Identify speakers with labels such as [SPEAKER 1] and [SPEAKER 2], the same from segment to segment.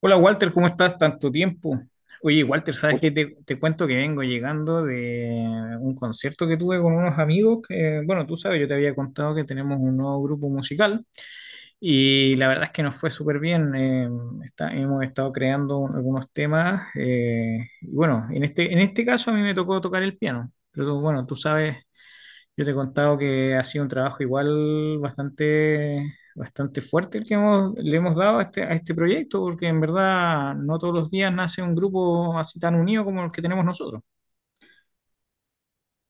[SPEAKER 1] Hola Walter, ¿cómo estás? Tanto tiempo. Oye, Walter, ¿sabes qué?
[SPEAKER 2] Mucho,
[SPEAKER 1] Te cuento que vengo llegando de un concierto que tuve con unos amigos que, bueno, tú sabes, yo te había contado que tenemos un nuevo grupo musical y la verdad es que nos fue súper bien. Hemos estado creando algunos temas y bueno, en este caso a mí me tocó tocar el piano, pero bueno, tú sabes yo te he contado que ha sido un trabajo igual bastante fuerte el que hemos, le hemos dado a este proyecto, porque en verdad no todos los días nace un grupo así tan unido como el que tenemos nosotros.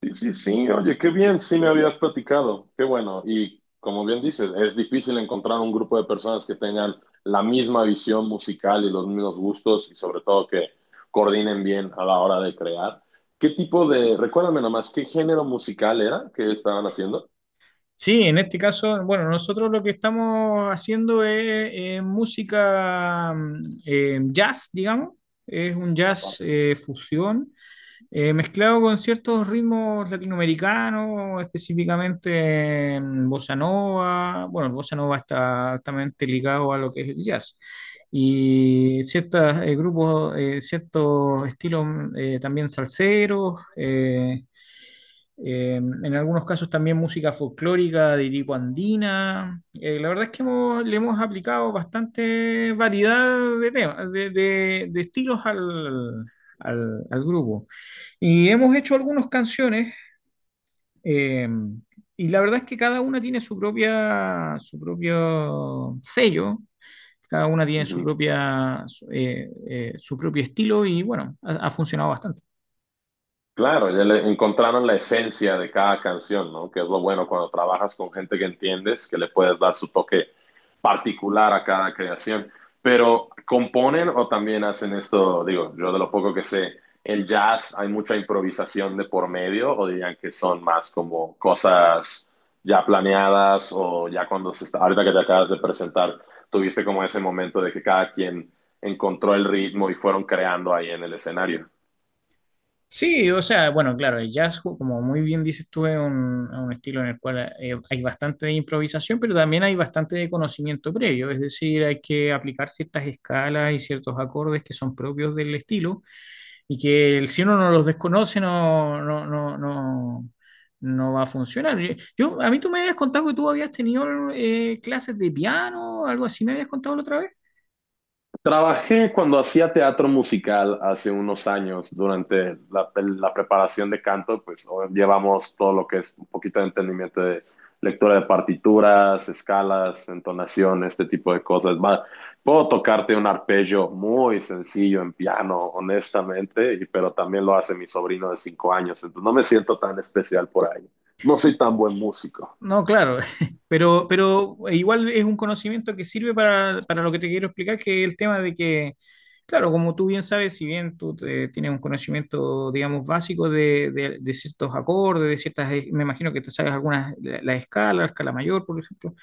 [SPEAKER 2] sí, sí, sí, oye, qué bien, sí me habías platicado, qué bueno. Y como bien dices, es difícil encontrar un grupo de personas que tengan la misma visión musical y los mismos gustos y sobre todo que coordinen bien a la hora de crear. Recuérdame nomás, ¿qué género musical era que estaban haciendo?
[SPEAKER 1] Sí, en este caso, bueno, nosotros lo que estamos haciendo es música jazz, digamos, es un jazz
[SPEAKER 2] Wow.
[SPEAKER 1] fusión mezclado con ciertos ritmos latinoamericanos, específicamente en bossa nova. Bueno, el bossa nova está altamente ligado a lo que es el jazz. Y ciertos grupos, ciertos estilos también salseros. En algunos casos también música folclórica de tipo andina. La verdad es que le hemos aplicado bastante variedad de temas, de estilos al grupo. Y hemos hecho algunas canciones eh, y la verdad es que cada una tiene su propia, su propio sello. Cada una tiene su propia, su su propio estilo y bueno, ha funcionado bastante.
[SPEAKER 2] Claro, ya le encontraron la esencia de cada canción, ¿no? Que es lo bueno cuando trabajas con gente que entiendes, que le puedes dar su toque particular a cada creación. Pero componen o también hacen esto, digo, yo de lo poco que sé, el jazz hay mucha improvisación de por medio o dirían que son más como cosas ya planeadas o ya cuando se está, ahorita que te acabas de presentar, tuviste como ese momento de que cada quien encontró el ritmo y fueron creando ahí en el escenario.
[SPEAKER 1] Sí, o sea, bueno, claro, el jazz, como muy bien dices tú, es un estilo en el cual hay bastante de improvisación, pero también hay bastante de conocimiento previo, es decir, hay que aplicar ciertas escalas y ciertos acordes que son propios del estilo y que si uno no los desconoce no va a funcionar. A mí tú me habías contado que tú habías tenido clases de piano, algo así, me habías contado la otra vez.
[SPEAKER 2] Trabajé cuando hacía teatro musical hace unos años, durante la preparación de canto, pues o- llevamos todo lo que es un poquito de entendimiento de lectura de partituras, escalas, entonación, este tipo de cosas. Puedo tocarte un arpegio muy sencillo en piano, honestamente, y- pero también lo hace mi sobrino de 5 años, entonces no me siento tan especial por ahí. No soy tan buen músico.
[SPEAKER 1] No, claro, pero e igual es un conocimiento que sirve para lo que te quiero explicar, que es el tema de que, claro, como tú bien sabes, si bien tú tienes un conocimiento, digamos, básico de, de ciertos acordes, de ciertas, me imagino que te sabes algunas, la escala mayor, por ejemplo,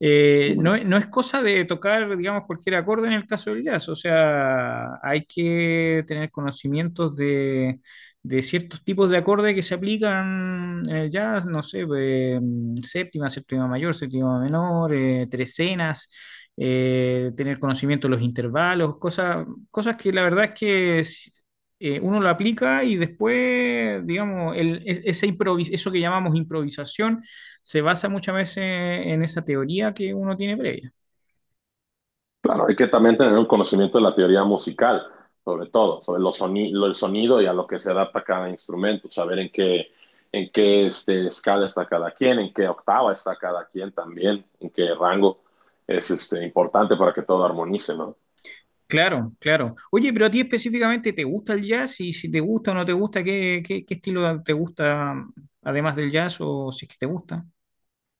[SPEAKER 1] no, no es cosa de tocar, digamos, cualquier acorde en el caso del jazz, o sea, hay que tener conocimientos de ciertos tipos de acordes que se aplican en el jazz, no sé, séptima, séptima mayor, séptima menor, trecenas, tener conocimiento de los intervalos, cosas, cosas que la verdad es que uno lo aplica y después, digamos, esa improvis eso que llamamos improvisación se basa muchas veces en esa teoría que uno tiene previa.
[SPEAKER 2] Claro, hay que también tener un conocimiento de la teoría musical, sobre todo, sobre el sonido y a lo que se adapta cada instrumento, saber en qué este, escala está cada quien, en qué octava está cada quien también, en qué rango es este, importante para que todo armonice, ¿no?
[SPEAKER 1] Claro, claro. Oye, pero a ti específicamente, ¿te gusta el jazz? Y si te gusta o no te gusta, ¿ qué estilo te gusta además del jazz o si es que te gusta?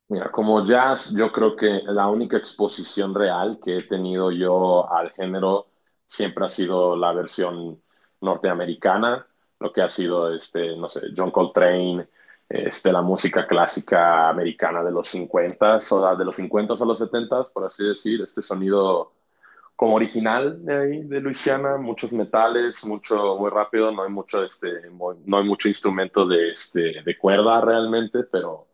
[SPEAKER 2] Mira, como jazz, yo creo que la única exposición real que he tenido yo al género siempre ha sido la versión norteamericana, lo que ha sido, este, no sé, John Coltrane, este, la música clásica americana de los 50, o sea, de los 50 a los 70, por así decir, este sonido como original de ahí, de Luisiana, muchos metales, mucho muy rápido, no hay mucho, este, no hay mucho instrumento de, este, de cuerda realmente, pero,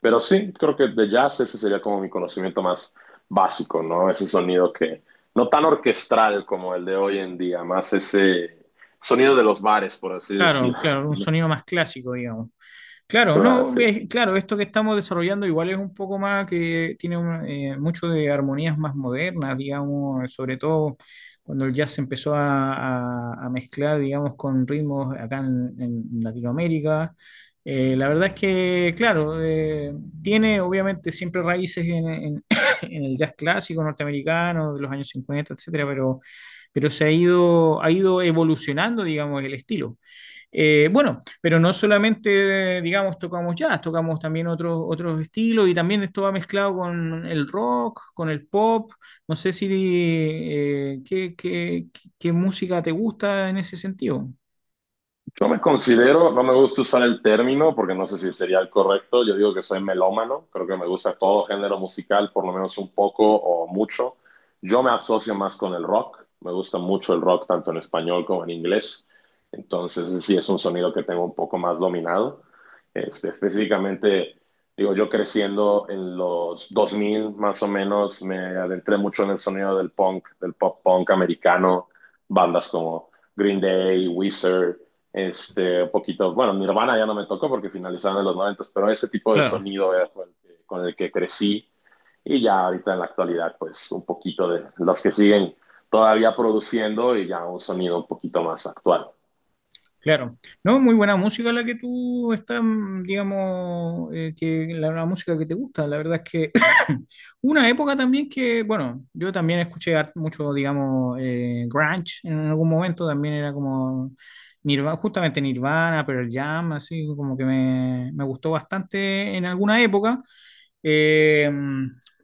[SPEAKER 2] pero sí, creo que de jazz ese sería como mi conocimiento más básico, ¿no? Ese sonido que, no tan orquestral como el de hoy en día, más ese sonido de los bares, por así
[SPEAKER 1] Claro,
[SPEAKER 2] decirlo.
[SPEAKER 1] claro, un
[SPEAKER 2] ¿No?
[SPEAKER 1] sonido más clásico, digamos. Claro,
[SPEAKER 2] Claro,
[SPEAKER 1] no,
[SPEAKER 2] sí.
[SPEAKER 1] es- claro, esto que estamos desarrollando igual es un poco más que tiene mucho de armonías más modernas, digamos, sobre todo cuando el jazz se empezó a mezclar, digamos, con ritmos acá en Latinoamérica. La verdad es que, claro, tiene obviamente siempre raíces en el jazz clásico norteamericano de los años 50, etcétera, pero se ha ido evolucionando, digamos, el estilo. Bueno, pero no solamente, digamos, tocamos jazz, tocamos también otros estilos y también esto va mezclado con el rock, con el pop. No sé si qué música te gusta en ese sentido.
[SPEAKER 2] Yo me considero, no me gusta usar el término porque no sé si sería el correcto. Yo digo que soy melómano, creo que me gusta todo género musical, por lo menos un poco o mucho. Yo me asocio más con el rock, me gusta mucho el rock tanto en español como en inglés. Entonces, ese sí es un sonido que tengo un poco más dominado. Este, específicamente, digo, yo creciendo en los 2000 más o menos, me adentré mucho en el sonido del punk, del pop punk americano, bandas como Green Day, Weezer, este, un poquito, bueno, Nirvana ya no me tocó porque finalizaron en los noventas, pero ese tipo de
[SPEAKER 1] Claro.
[SPEAKER 2] sonido fue el que, con el que crecí, y ya ahorita en la actualidad, pues un poquito de los que siguen todavía produciendo y ya un sonido un poquito más actual.
[SPEAKER 1] Claro, no, muy buena música la que tú estás, digamos, que la música que te gusta. La verdad es que una época también que, bueno, yo también escuché mucho, digamos, grunge en algún momento, también era como Nirvana, justamente Nirvana, Pearl Jam, así como que me gustó bastante en alguna época. Eh,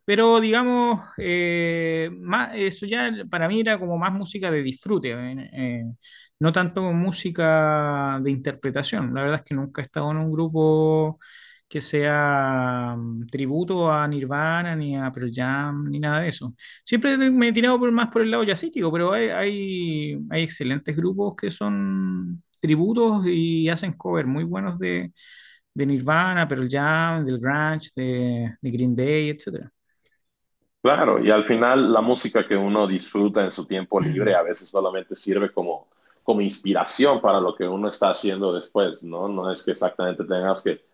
[SPEAKER 1] pero digamos, más, eso ya para mí era como más música de disfrute, no tanto música de interpretación. La verdad es que nunca he estado en un grupo que sea tributo a Nirvana, ni a Pearl Jam, ni nada de eso. Siempre me he tirado por, más por el lado jazzístico, pero hay excelentes grupos que son tributos y hacen covers muy buenos de Nirvana, Pearl Jam, del Grunge, de Green Day, etcétera.
[SPEAKER 2] Claro, y al final la música que uno disfruta en su tiempo libre a veces solamente sirve como, inspiración para lo que uno está haciendo después, ¿no? No es que exactamente tengas que.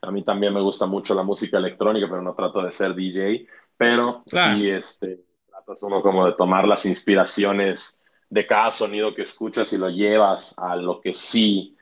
[SPEAKER 2] A mí también me gusta mucho la música electrónica, pero no trato de ser DJ, pero sí
[SPEAKER 1] Claro,
[SPEAKER 2] este, tratas uno como de tomar las inspiraciones de cada sonido que escuchas y lo llevas a lo que sí.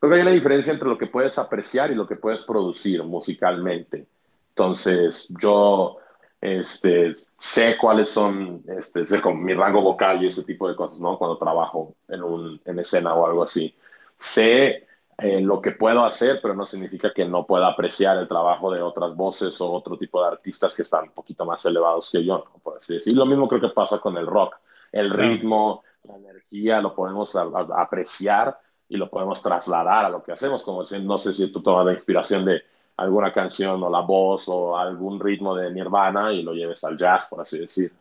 [SPEAKER 2] Creo que hay una diferencia entre lo que puedes apreciar y lo que puedes producir musicalmente. Entonces, yo este, sé cuáles son este, sé con mi rango vocal y ese tipo de cosas, ¿no? Cuando trabajo en, un, en escena o algo así. Sé lo que puedo hacer, pero no significa que no pueda apreciar el trabajo de otras voces o otro tipo de artistas que están un poquito más elevados que yo, ¿no? Por así decirlo. Lo mismo creo que pasa con el rock. El
[SPEAKER 1] claro.
[SPEAKER 2] ritmo, la energía, lo podemos apreciar y lo podemos trasladar a lo que hacemos, como decir, no sé si tú tomas la inspiración de alguna canción o la voz o algún ritmo de Nirvana y lo lleves al jazz, por así decir.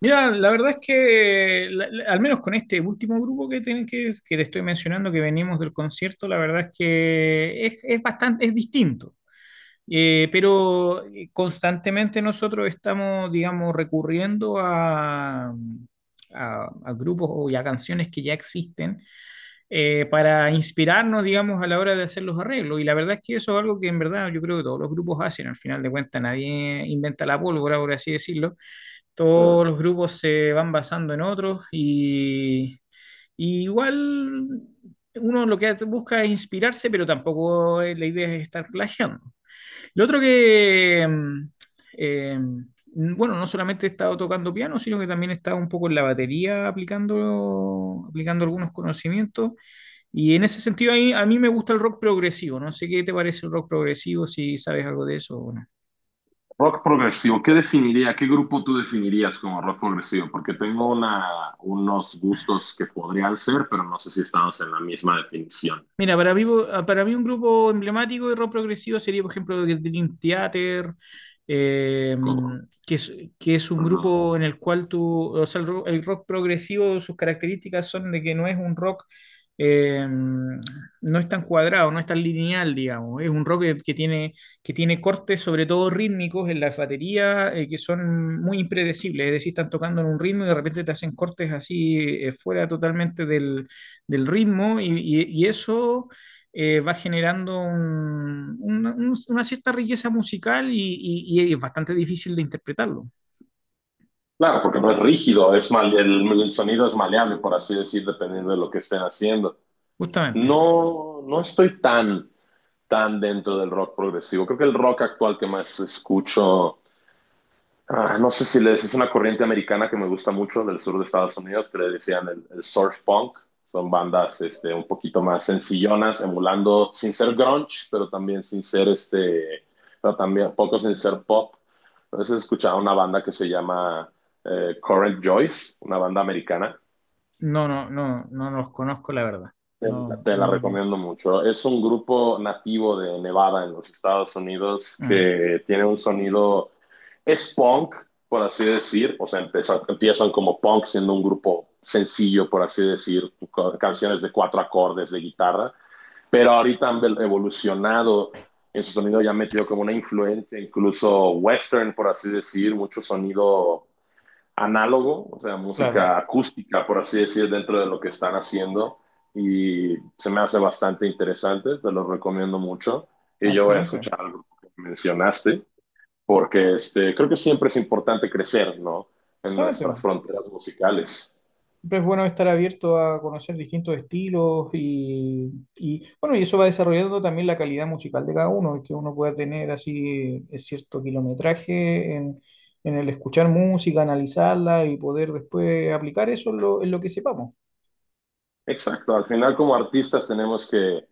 [SPEAKER 1] Mira, la verdad es que, al menos con este último grupo que que te estoy mencionando, que venimos del concierto, la verdad es que es bastante, es distinto. Constantemente nosotros estamos, digamos, recurriendo a grupos o y a canciones que ya existen para inspirarnos, digamos, a la hora de hacer los arreglos. Y la verdad es que eso es algo que en verdad yo creo que todos los grupos hacen. Al final de cuentas, nadie inventa la pólvora, por así decirlo. Todos los grupos se van basando en otros y igual uno lo que busca es inspirarse, pero tampoco la idea es estar plagiando. Lo otro que, bueno, no solamente he estado tocando piano, sino que también he estado un poco en la batería aplicando, aplicando algunos conocimientos. Y en ese sentido, a mí me gusta el rock progresivo. No sé qué te parece el rock progresivo, si sabes algo de eso o no.
[SPEAKER 2] Rock progresivo, ¿qué definiría, qué grupo tú definirías como rock progresivo? Porque tengo unos gustos que podrían ser, pero no sé si estamos en la misma definición.
[SPEAKER 1] Mira, para mí un grupo emblemático de rock progresivo sería, por ejemplo, The Dream Theater, eh,
[SPEAKER 2] Como,
[SPEAKER 1] que es, que es
[SPEAKER 2] uh
[SPEAKER 1] un
[SPEAKER 2] -huh.
[SPEAKER 1] grupo en el cual tú, o sea, el rock progresivo, sus características son de que no es un rock, eh, no es tan cuadrado, no es tan lineal, digamos, es un rock que tiene cortes, sobre todo rítmicos, en la batería, que son muy impredecibles, es decir, están tocando en un ritmo y de repente te hacen cortes así, fuera totalmente del ritmo y eso va generando una cierta riqueza musical y es bastante difícil de interpretarlo,
[SPEAKER 2] Claro, porque no es rígido, es mal, sonido es maleable, por así decir, dependiendo de lo que estén haciendo.
[SPEAKER 1] justamente.
[SPEAKER 2] No, no estoy tan dentro del rock progresivo. Creo que el rock actual que más escucho, ah, no sé si les es una corriente americana que me gusta mucho del sur de Estados Unidos, que le decían el surf punk. Son bandas este, un poquito más sencillonas, emulando sin ser grunge, pero también sin ser este, pero también poco sin ser pop. Entonces escuchaba una banda que se llama Current Joyce, una banda americana.
[SPEAKER 1] No, los conozco, la verdad.
[SPEAKER 2] Te,
[SPEAKER 1] No,
[SPEAKER 2] te la
[SPEAKER 1] no tengo.
[SPEAKER 2] recomiendo mucho. Es un grupo nativo de Nevada en los Estados Unidos
[SPEAKER 1] Ah,
[SPEAKER 2] que tiene un sonido, es punk, por así decir, o sea, empiezan como punk siendo un grupo sencillo, por así decir, canciones de cuatro acordes de guitarra, pero ahorita han evolucionado en su sonido, ya han metido como una influencia incluso western, por así decir, mucho sonido análogo, o sea,
[SPEAKER 1] claro.
[SPEAKER 2] música acústica, por así decir, dentro de lo que están haciendo. Y se me hace bastante interesante, te lo recomiendo mucho.
[SPEAKER 1] Ah,
[SPEAKER 2] Y yo voy a
[SPEAKER 1] excelente.
[SPEAKER 2] escuchar algo que mencionaste, porque este, creo que siempre es importante crecer, ¿no? En nuestras
[SPEAKER 1] Justamente.
[SPEAKER 2] fronteras musicales.
[SPEAKER 1] Siempre es bueno estar abierto a conocer distintos estilos y, bueno, y eso va desarrollando también la calidad musical de cada uno, que uno pueda tener así cierto kilometraje en el escuchar música, analizarla y poder después aplicar eso en lo que sepamos.
[SPEAKER 2] Exacto, al final como artistas tenemos que,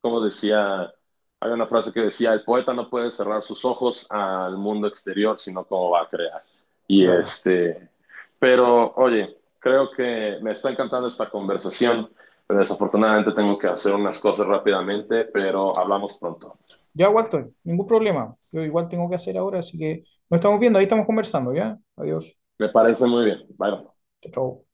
[SPEAKER 2] como decía, hay una frase que decía, el poeta no puede cerrar sus ojos al mundo exterior, sino cómo va a crear. Y
[SPEAKER 1] Claro.
[SPEAKER 2] este, pero oye, creo que me está encantando esta conversación, pero desafortunadamente tengo que hacer unas cosas rápidamente, pero hablamos pronto.
[SPEAKER 1] Ya, Walter, ningún problema. Yo igual tengo que hacer ahora, así que nos estamos viendo, ahí estamos conversando, ¿ya? Adiós.
[SPEAKER 2] Me parece muy bien. Bye. Bye.
[SPEAKER 1] Chao. Chao.